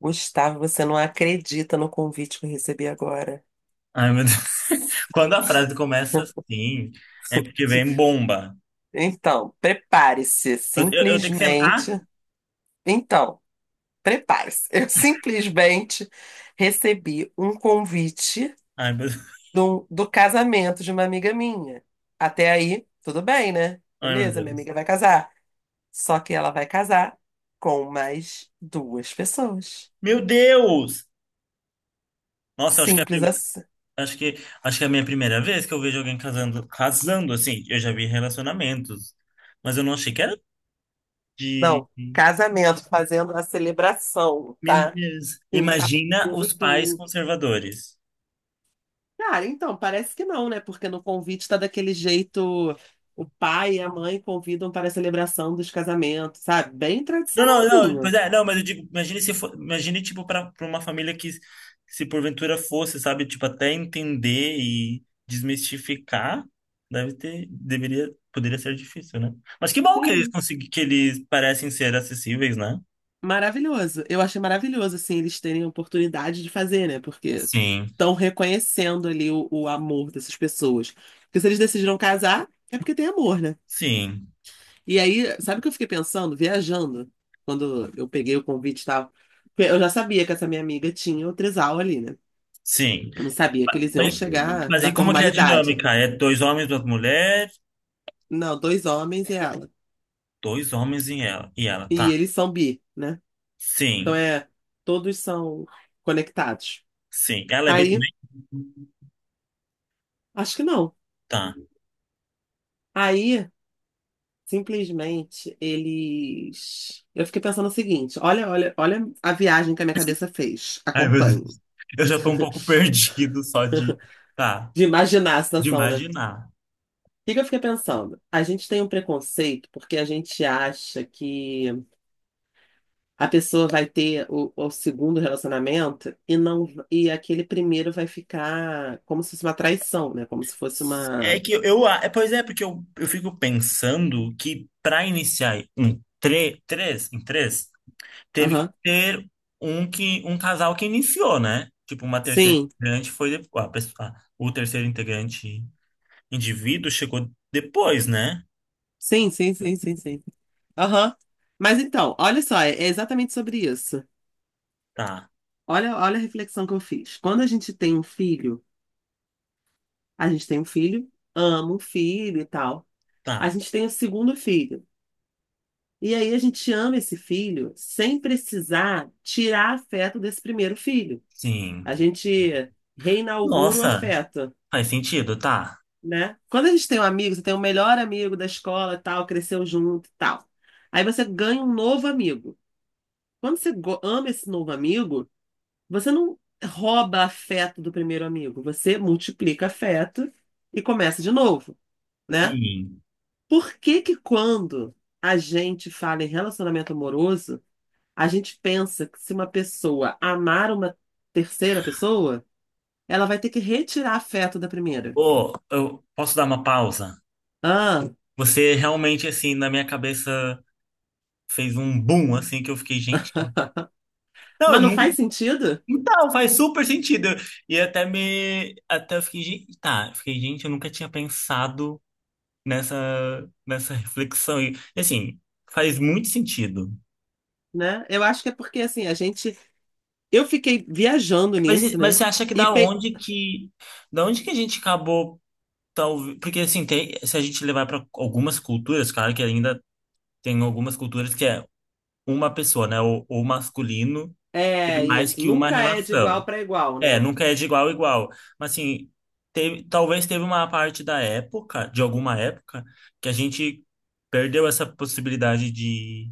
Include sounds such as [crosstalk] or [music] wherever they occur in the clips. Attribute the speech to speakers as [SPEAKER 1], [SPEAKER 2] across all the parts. [SPEAKER 1] Gustavo, você não acredita no convite que eu recebi agora.
[SPEAKER 2] Ai, meu Deus. [laughs] Quando a frase começa assim, é porque vem bomba.
[SPEAKER 1] Então, prepare-se,
[SPEAKER 2] Eu tenho que sentar?
[SPEAKER 1] simplesmente. Então, prepare-se. Eu simplesmente recebi um convite
[SPEAKER 2] Ai, meu Deus. [laughs]
[SPEAKER 1] do casamento de uma amiga minha. Até aí, tudo bem, né?
[SPEAKER 2] Ai, meu
[SPEAKER 1] Beleza, minha
[SPEAKER 2] Deus.
[SPEAKER 1] amiga vai casar. Só que ela vai casar com mais duas pessoas.
[SPEAKER 2] Meu Deus! Nossa, acho que é a
[SPEAKER 1] Simples assim.
[SPEAKER 2] acho que, acho que é a minha primeira vez que eu vejo alguém casando, casando assim. Eu já vi relacionamentos, mas eu não achei que era de.
[SPEAKER 1] Não, casamento, fazendo a celebração,
[SPEAKER 2] Meu
[SPEAKER 1] tá?
[SPEAKER 2] Deus.
[SPEAKER 1] Com papo
[SPEAKER 2] Imagina
[SPEAKER 1] de
[SPEAKER 2] os pais
[SPEAKER 1] tudo.
[SPEAKER 2] conservadores.
[SPEAKER 1] Cara, então, parece que não, né? Porque no convite tá daquele jeito, o pai e a mãe convidam para a celebração dos casamentos, sabe? Bem
[SPEAKER 2] Não, não, não, pois
[SPEAKER 1] tradicionalzinho.
[SPEAKER 2] é, não, mas eu digo, imagine se for, imagine, tipo, para uma família que, se porventura fosse, sabe, tipo, até entender e desmistificar, deve ter, deveria, poderia ser difícil, né? Mas que bom que eles
[SPEAKER 1] Sim.
[SPEAKER 2] consegui, que eles parecem ser acessíveis, né?
[SPEAKER 1] Maravilhoso. Eu achei maravilhoso, assim, eles terem a oportunidade de fazer, né? Porque
[SPEAKER 2] Sim.
[SPEAKER 1] estão reconhecendo ali o amor dessas pessoas. Porque se eles decidiram casar, é porque tem amor, né?
[SPEAKER 2] Sim,
[SPEAKER 1] E aí, sabe o que eu fiquei pensando? Viajando, quando eu peguei o convite e tal. Porque eu já sabia que essa minha amiga tinha o trisal ali, né?
[SPEAKER 2] sim.
[SPEAKER 1] Não sabia que eles iam
[SPEAKER 2] Mas,
[SPEAKER 1] chegar
[SPEAKER 2] mas
[SPEAKER 1] na
[SPEAKER 2] e como que é a
[SPEAKER 1] formalidade.
[SPEAKER 2] dinâmica? É dois homens, duas mulheres,
[SPEAKER 1] Não, dois homens e ela.
[SPEAKER 2] dois homens e ela,
[SPEAKER 1] E
[SPEAKER 2] tá.
[SPEAKER 1] eles são bi, né? Então
[SPEAKER 2] Sim,
[SPEAKER 1] é, todos são conectados.
[SPEAKER 2] sim. Ela é B
[SPEAKER 1] Aí,
[SPEAKER 2] também?
[SPEAKER 1] acho que não.
[SPEAKER 2] Tá?
[SPEAKER 1] Aí, simplesmente, eles. Eu fiquei pensando o seguinte: olha, olha, olha a viagem que a minha cabeça fez.
[SPEAKER 2] Ai, meu
[SPEAKER 1] Acompanhe.
[SPEAKER 2] Deus. Eu já tô um pouco [laughs] perdido só tá,
[SPEAKER 1] De imaginar a
[SPEAKER 2] de
[SPEAKER 1] situação, né? O
[SPEAKER 2] imaginar.
[SPEAKER 1] que que eu fiquei pensando? A gente tem um preconceito porque a gente acha que a pessoa vai ter o segundo relacionamento e não e aquele primeiro vai ficar como se fosse uma traição, né? Como se fosse
[SPEAKER 2] É
[SPEAKER 1] uma.
[SPEAKER 2] que é, pois é, porque eu fico pensando que para iniciar um três, em três, teve que
[SPEAKER 1] Aham.
[SPEAKER 2] ter um que um casal que iniciou, né? Tipo, uma terceira
[SPEAKER 1] Sim,
[SPEAKER 2] integrante foi depois, a pessoa, o terceiro integrante indivíduo chegou depois, né?
[SPEAKER 1] sim, sim, sim, sim, sim. Aham. Mas então, olha só, é exatamente sobre isso.
[SPEAKER 2] Tá,
[SPEAKER 1] Olha, olha a reflexão que eu fiz. Quando a gente tem um filho, a gente tem um filho, ama o filho e tal. A
[SPEAKER 2] tá.
[SPEAKER 1] gente tem o segundo filho. E aí a gente ama esse filho sem precisar tirar afeto desse primeiro filho.
[SPEAKER 2] Sim.
[SPEAKER 1] A gente reinaugura o
[SPEAKER 2] Nossa,
[SPEAKER 1] afeto,
[SPEAKER 2] faz sentido, tá?
[SPEAKER 1] né? Quando a gente tem um amigo, você tem o melhor amigo da escola, e tal, cresceu junto, e tal. Aí você ganha um novo amigo. Quando você ama esse novo amigo, você não rouba afeto do primeiro amigo, você multiplica afeto e começa de novo, né?
[SPEAKER 2] Sim.
[SPEAKER 1] Por que que quando a gente fala em relacionamento amoroso, a gente pensa que se uma pessoa amar uma terceira pessoa, ela vai ter que retirar afeto da primeira?
[SPEAKER 2] Ô, eu posso dar uma pausa?
[SPEAKER 1] Ah,
[SPEAKER 2] Você realmente, assim, na minha cabeça fez um boom, assim, que eu fiquei, gente. Não, eu
[SPEAKER 1] mas não
[SPEAKER 2] nunca.
[SPEAKER 1] faz sentido,
[SPEAKER 2] Então, faz super sentido. E até me. Até eu fiquei, gente. Tá, eu fiquei, gente, eu nunca tinha pensado nessa reflexão. E, assim, faz muito sentido.
[SPEAKER 1] né? Eu acho que é porque assim, a gente. Eu fiquei viajando
[SPEAKER 2] Mas,
[SPEAKER 1] nisso,
[SPEAKER 2] mas
[SPEAKER 1] né?
[SPEAKER 2] você acha que
[SPEAKER 1] E
[SPEAKER 2] da onde que. Da onde que a gente acabou. Talvez, porque, assim, tem, se a gente levar para algumas culturas, claro que ainda tem algumas culturas que é uma pessoa, né? O masculino tem
[SPEAKER 1] é
[SPEAKER 2] mais
[SPEAKER 1] isso,
[SPEAKER 2] que uma
[SPEAKER 1] nunca é de igual
[SPEAKER 2] relação.
[SPEAKER 1] para igual,
[SPEAKER 2] É,
[SPEAKER 1] né?
[SPEAKER 2] nunca é de igual a igual. Mas assim, talvez teve uma parte da época, de alguma época, que a gente perdeu essa possibilidade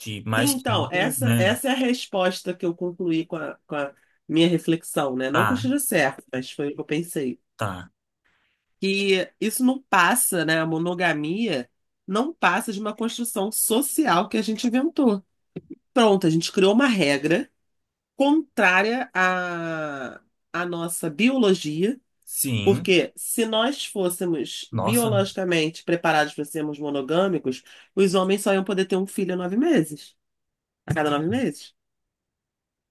[SPEAKER 2] de
[SPEAKER 1] Sim,
[SPEAKER 2] mais que
[SPEAKER 1] então,
[SPEAKER 2] um,
[SPEAKER 1] essa,
[SPEAKER 2] né?
[SPEAKER 1] essa é a resposta que eu concluí com a minha reflexão, né? Não que eu
[SPEAKER 2] Tá,
[SPEAKER 1] esteja certo, mas foi o que eu pensei.
[SPEAKER 2] tá.
[SPEAKER 1] Que isso não passa, né? A monogamia não passa de uma construção social que a gente inventou. Pronto, a gente criou uma regra contrária à nossa biologia.
[SPEAKER 2] Sim.
[SPEAKER 1] Porque se nós fôssemos
[SPEAKER 2] Nossa.
[SPEAKER 1] biologicamente preparados para sermos monogâmicos, os homens só iam poder ter um filho a 9 meses, a cada 9 meses,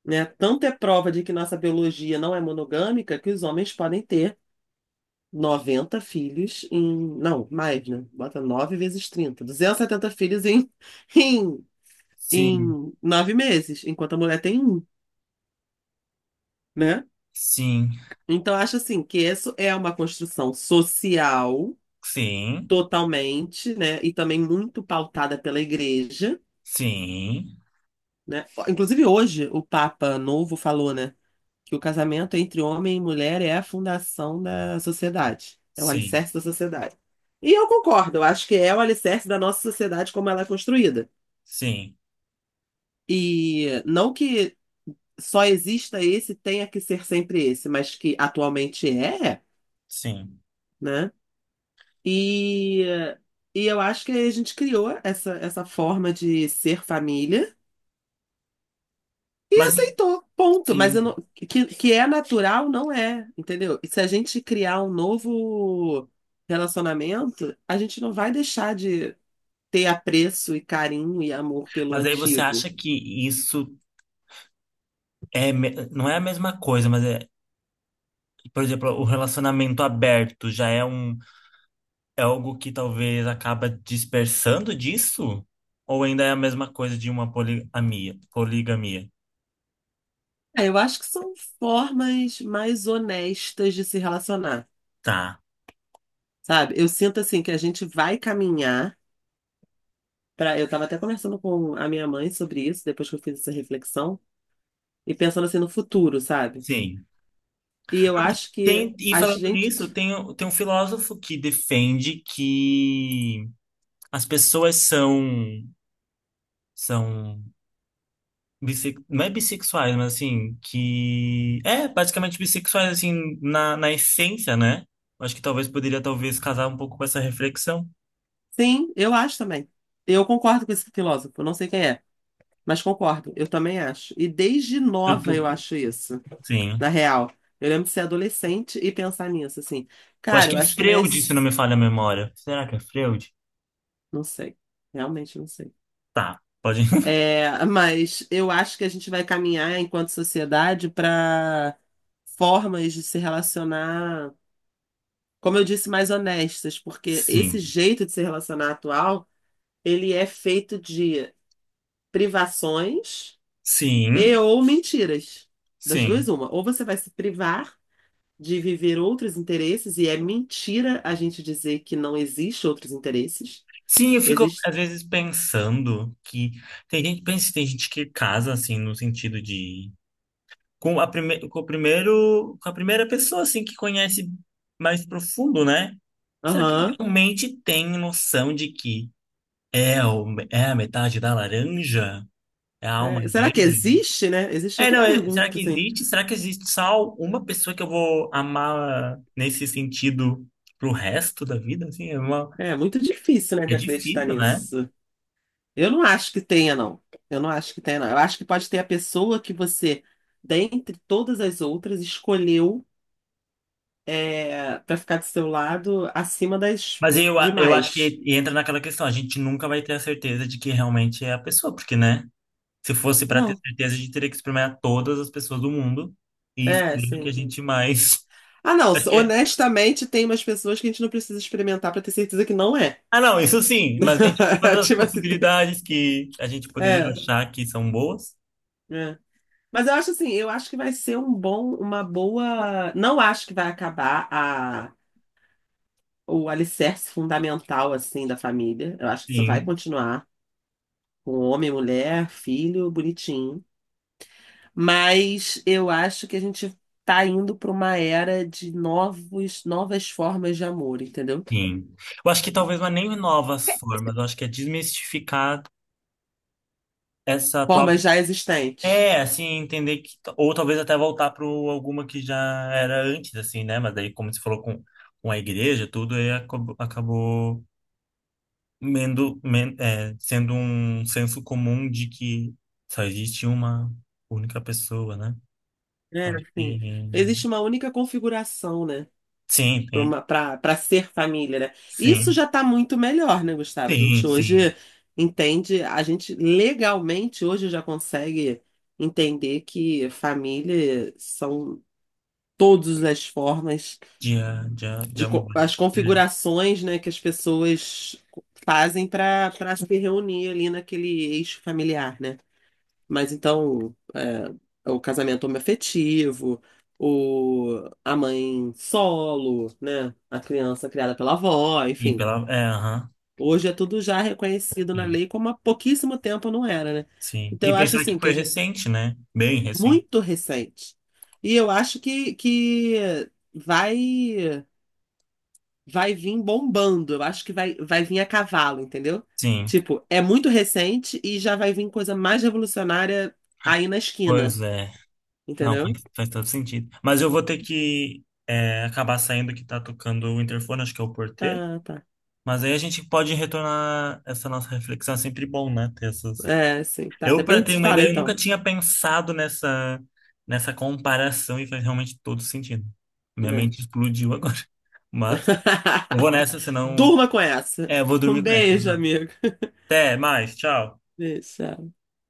[SPEAKER 1] né? Tanto é prova de que nossa biologia não é monogâmica que os homens podem ter 90 filhos em... Não, mais, né? Bota 9 vezes 30, 270 filhos em, [laughs] em,
[SPEAKER 2] Sim,
[SPEAKER 1] em 9 meses, enquanto a mulher tem um, né?
[SPEAKER 2] sim,
[SPEAKER 1] Então, acho assim que isso é uma construção social
[SPEAKER 2] sim,
[SPEAKER 1] totalmente, né? E também muito pautada pela igreja,
[SPEAKER 2] sim,
[SPEAKER 1] né? Inclusive hoje o Papa Novo falou, né, que o casamento entre homem e mulher é a fundação da sociedade, é o
[SPEAKER 2] sim,
[SPEAKER 1] alicerce da sociedade. E eu concordo, eu acho que é o alicerce da nossa sociedade como ela é construída.
[SPEAKER 2] sim,
[SPEAKER 1] E não que só exista esse, tenha que ser sempre esse, mas que atualmente é,
[SPEAKER 2] sim.
[SPEAKER 1] né? E, e eu acho que a gente criou essa forma de ser família. E
[SPEAKER 2] Mas
[SPEAKER 1] aceitou, ponto. Mas
[SPEAKER 2] sim,
[SPEAKER 1] eu não- que é natural, não é, entendeu? E se a gente criar um novo relacionamento, a gente não vai deixar de ter apreço e carinho e amor pelo
[SPEAKER 2] mas aí você
[SPEAKER 1] antigo.
[SPEAKER 2] acha que isso é, não é a mesma coisa, mas é, por exemplo, o relacionamento aberto já é um. É algo que talvez acaba dispersando disso? Ou ainda é a mesma coisa de uma poligamia? Poligamia.
[SPEAKER 1] É, eu acho que são formas mais honestas de se relacionar,
[SPEAKER 2] Tá,
[SPEAKER 1] sabe? Eu sinto assim que a gente vai caminhar para. Eu estava até conversando com a minha mãe sobre isso, depois que eu fiz essa reflexão, e pensando assim no futuro, sabe?
[SPEAKER 2] sim.
[SPEAKER 1] E eu acho que
[SPEAKER 2] E
[SPEAKER 1] a
[SPEAKER 2] falando
[SPEAKER 1] gente.
[SPEAKER 2] nisso, tem um filósofo que defende que as pessoas são não é bissexuais, mas assim, que é basicamente bissexuais, assim, na essência, né? Eu acho que talvez poderia, talvez, casar um pouco com essa reflexão.
[SPEAKER 1] Sim, eu acho também. Eu concordo com esse filósofo, não sei quem é, mas concordo, eu também acho. E desde
[SPEAKER 2] Eu
[SPEAKER 1] nova
[SPEAKER 2] tô-
[SPEAKER 1] eu acho isso,
[SPEAKER 2] Sim.
[SPEAKER 1] na real. Eu lembro de ser adolescente e pensar nisso, assim.
[SPEAKER 2] Eu acho
[SPEAKER 1] Cara,
[SPEAKER 2] que
[SPEAKER 1] eu
[SPEAKER 2] é
[SPEAKER 1] acho que não é
[SPEAKER 2] Freud, se
[SPEAKER 1] esse.
[SPEAKER 2] não me falha a memória. Será que é Freud?
[SPEAKER 1] Não sei, realmente não sei.
[SPEAKER 2] Tá, pode. [laughs]
[SPEAKER 1] É, mas eu acho que a gente vai caminhar enquanto sociedade para formas de se relacionar, como eu disse, mais honestas, porque esse
[SPEAKER 2] Sim.
[SPEAKER 1] jeito de se relacionar atual, ele é feito de privações e
[SPEAKER 2] Sim,
[SPEAKER 1] ou mentiras. Das duas,
[SPEAKER 2] sim.
[SPEAKER 1] uma. Ou você vai se privar de viver outros interesses, e é mentira a gente dizer que não existe outros interesses.
[SPEAKER 2] Sim, eu fico
[SPEAKER 1] Existe.
[SPEAKER 2] às vezes pensando que tem gente, pensa, tem gente que casa assim no sentido de com a prime... com o primeiro, com a primeira pessoa assim que conhece mais profundo, né? Será que ele
[SPEAKER 1] Aham.
[SPEAKER 2] realmente tem noção de que é, o... é a metade da laranja? É a alma
[SPEAKER 1] É, será que
[SPEAKER 2] dele?
[SPEAKER 1] existe, né? Existe
[SPEAKER 2] É,
[SPEAKER 1] outra
[SPEAKER 2] não, será
[SPEAKER 1] pergunta,
[SPEAKER 2] que
[SPEAKER 1] assim.
[SPEAKER 2] existe? Será que existe só uma pessoa que eu vou amar nesse sentido pro resto da vida? Assim, é uma...
[SPEAKER 1] É muito difícil, né,
[SPEAKER 2] é
[SPEAKER 1] de acreditar
[SPEAKER 2] difícil, né?
[SPEAKER 1] nisso. Eu não acho que tenha, não. Eu não acho que tenha, não. Eu acho que pode ter a pessoa que você, dentre todas as outras, escolheu é, para ficar do seu lado acima das
[SPEAKER 2] Mas eu acho
[SPEAKER 1] demais.
[SPEAKER 2] que entra naquela questão, a gente nunca vai ter a certeza de que realmente é a pessoa, porque, né? Se fosse para ter
[SPEAKER 1] Não.
[SPEAKER 2] certeza, a gente teria que experimentar todas as pessoas do mundo e
[SPEAKER 1] É,
[SPEAKER 2] escolher a que a
[SPEAKER 1] sim.
[SPEAKER 2] gente mais
[SPEAKER 1] Ah,
[SPEAKER 2] [laughs]
[SPEAKER 1] não,
[SPEAKER 2] porque-
[SPEAKER 1] honestamente, tem umas pessoas que a gente não precisa experimentar pra ter certeza que não é.
[SPEAKER 2] ah, não, isso sim, mas a gente
[SPEAKER 1] [laughs]
[SPEAKER 2] todas as
[SPEAKER 1] Tipo assim,
[SPEAKER 2] possibilidades que a gente poderia
[SPEAKER 1] é,
[SPEAKER 2] achar que são boas.
[SPEAKER 1] é. Mas eu acho assim, eu acho que vai ser um bom, uma boa. Não acho que vai acabar o alicerce fundamental assim da família. Eu acho que isso vai
[SPEAKER 2] Sim,
[SPEAKER 1] continuar com homem, mulher, filho, bonitinho. Mas eu acho que a gente tá indo pra uma era de novos, novas formas de amor, entendeu?
[SPEAKER 2] sim. Eu acho que talvez não é nem novas formas, eu acho que é desmistificar essa atual.
[SPEAKER 1] Formas já existentes.
[SPEAKER 2] É, assim, entender que. Ou talvez até voltar para alguma que já era antes, assim, né? Mas daí, como você falou com a igreja, tudo aí acabou, é, sendo um senso comum de que só existe uma única pessoa, né?
[SPEAKER 1] É, sim.
[SPEAKER 2] Porque,
[SPEAKER 1] Existe uma única configuração, né?
[SPEAKER 2] sim,
[SPEAKER 1] Para
[SPEAKER 2] tem,
[SPEAKER 1] uma, para ser família, né? Isso
[SPEAKER 2] sim,
[SPEAKER 1] já está muito melhor, né, Gustavo? A gente
[SPEAKER 2] sim, sim,
[SPEAKER 1] hoje entende, a gente legalmente hoje já consegue entender que família são todas as formas
[SPEAKER 2] de, de, de
[SPEAKER 1] de co-
[SPEAKER 2] amor.
[SPEAKER 1] as
[SPEAKER 2] É,
[SPEAKER 1] configurações, né, que as pessoas fazem para se reunir ali naquele eixo familiar, né? Mas então, é, o casamento homoafetivo, o, a mãe solo, né? A criança criada pela avó,
[SPEAKER 2] sim,
[SPEAKER 1] enfim.
[SPEAKER 2] pela, é, aham,
[SPEAKER 1] Hoje é tudo já reconhecido na
[SPEAKER 2] sim,
[SPEAKER 1] lei, como há pouquíssimo tempo não era, né?
[SPEAKER 2] sim.
[SPEAKER 1] Então,
[SPEAKER 2] E
[SPEAKER 1] eu acho
[SPEAKER 2] pensar que
[SPEAKER 1] assim, que
[SPEAKER 2] foi
[SPEAKER 1] a gente,
[SPEAKER 2] recente, né? Bem recente.
[SPEAKER 1] muito recente. E eu acho que vai, vai, vir bombando, eu acho que vai vir a cavalo, entendeu?
[SPEAKER 2] Sim,
[SPEAKER 1] Tipo, é muito recente e já vai vir coisa mais revolucionária aí na esquina,
[SPEAKER 2] pois é. Não,
[SPEAKER 1] entendeu?
[SPEAKER 2] faz todo sentido. Mas eu vou ter que é, acabar saindo que tá tocando o interfone, acho que é o porteiro.
[SPEAKER 1] Ah, tá.
[SPEAKER 2] Mas aí a gente pode retornar essa nossa reflexão. É sempre bom, né? Ter essas.
[SPEAKER 1] É, sim, tá.
[SPEAKER 2] Eu,
[SPEAKER 1] Depois a
[SPEAKER 2] para
[SPEAKER 1] gente
[SPEAKER 2] ter
[SPEAKER 1] se
[SPEAKER 2] uma
[SPEAKER 1] fala,
[SPEAKER 2] ideia, eu nunca
[SPEAKER 1] então.
[SPEAKER 2] tinha pensado nessa comparação e faz realmente todo sentido. Minha
[SPEAKER 1] É.
[SPEAKER 2] mente explodiu agora. [laughs] Mas vou
[SPEAKER 1] [laughs]
[SPEAKER 2] nessa, senão.
[SPEAKER 1] Durma com essa.
[SPEAKER 2] É, eu vou
[SPEAKER 1] Um
[SPEAKER 2] dormir com essa.
[SPEAKER 1] beijo, amigo. [laughs]
[SPEAKER 2] Até mais, tchau.
[SPEAKER 1] Beijo. Tchau.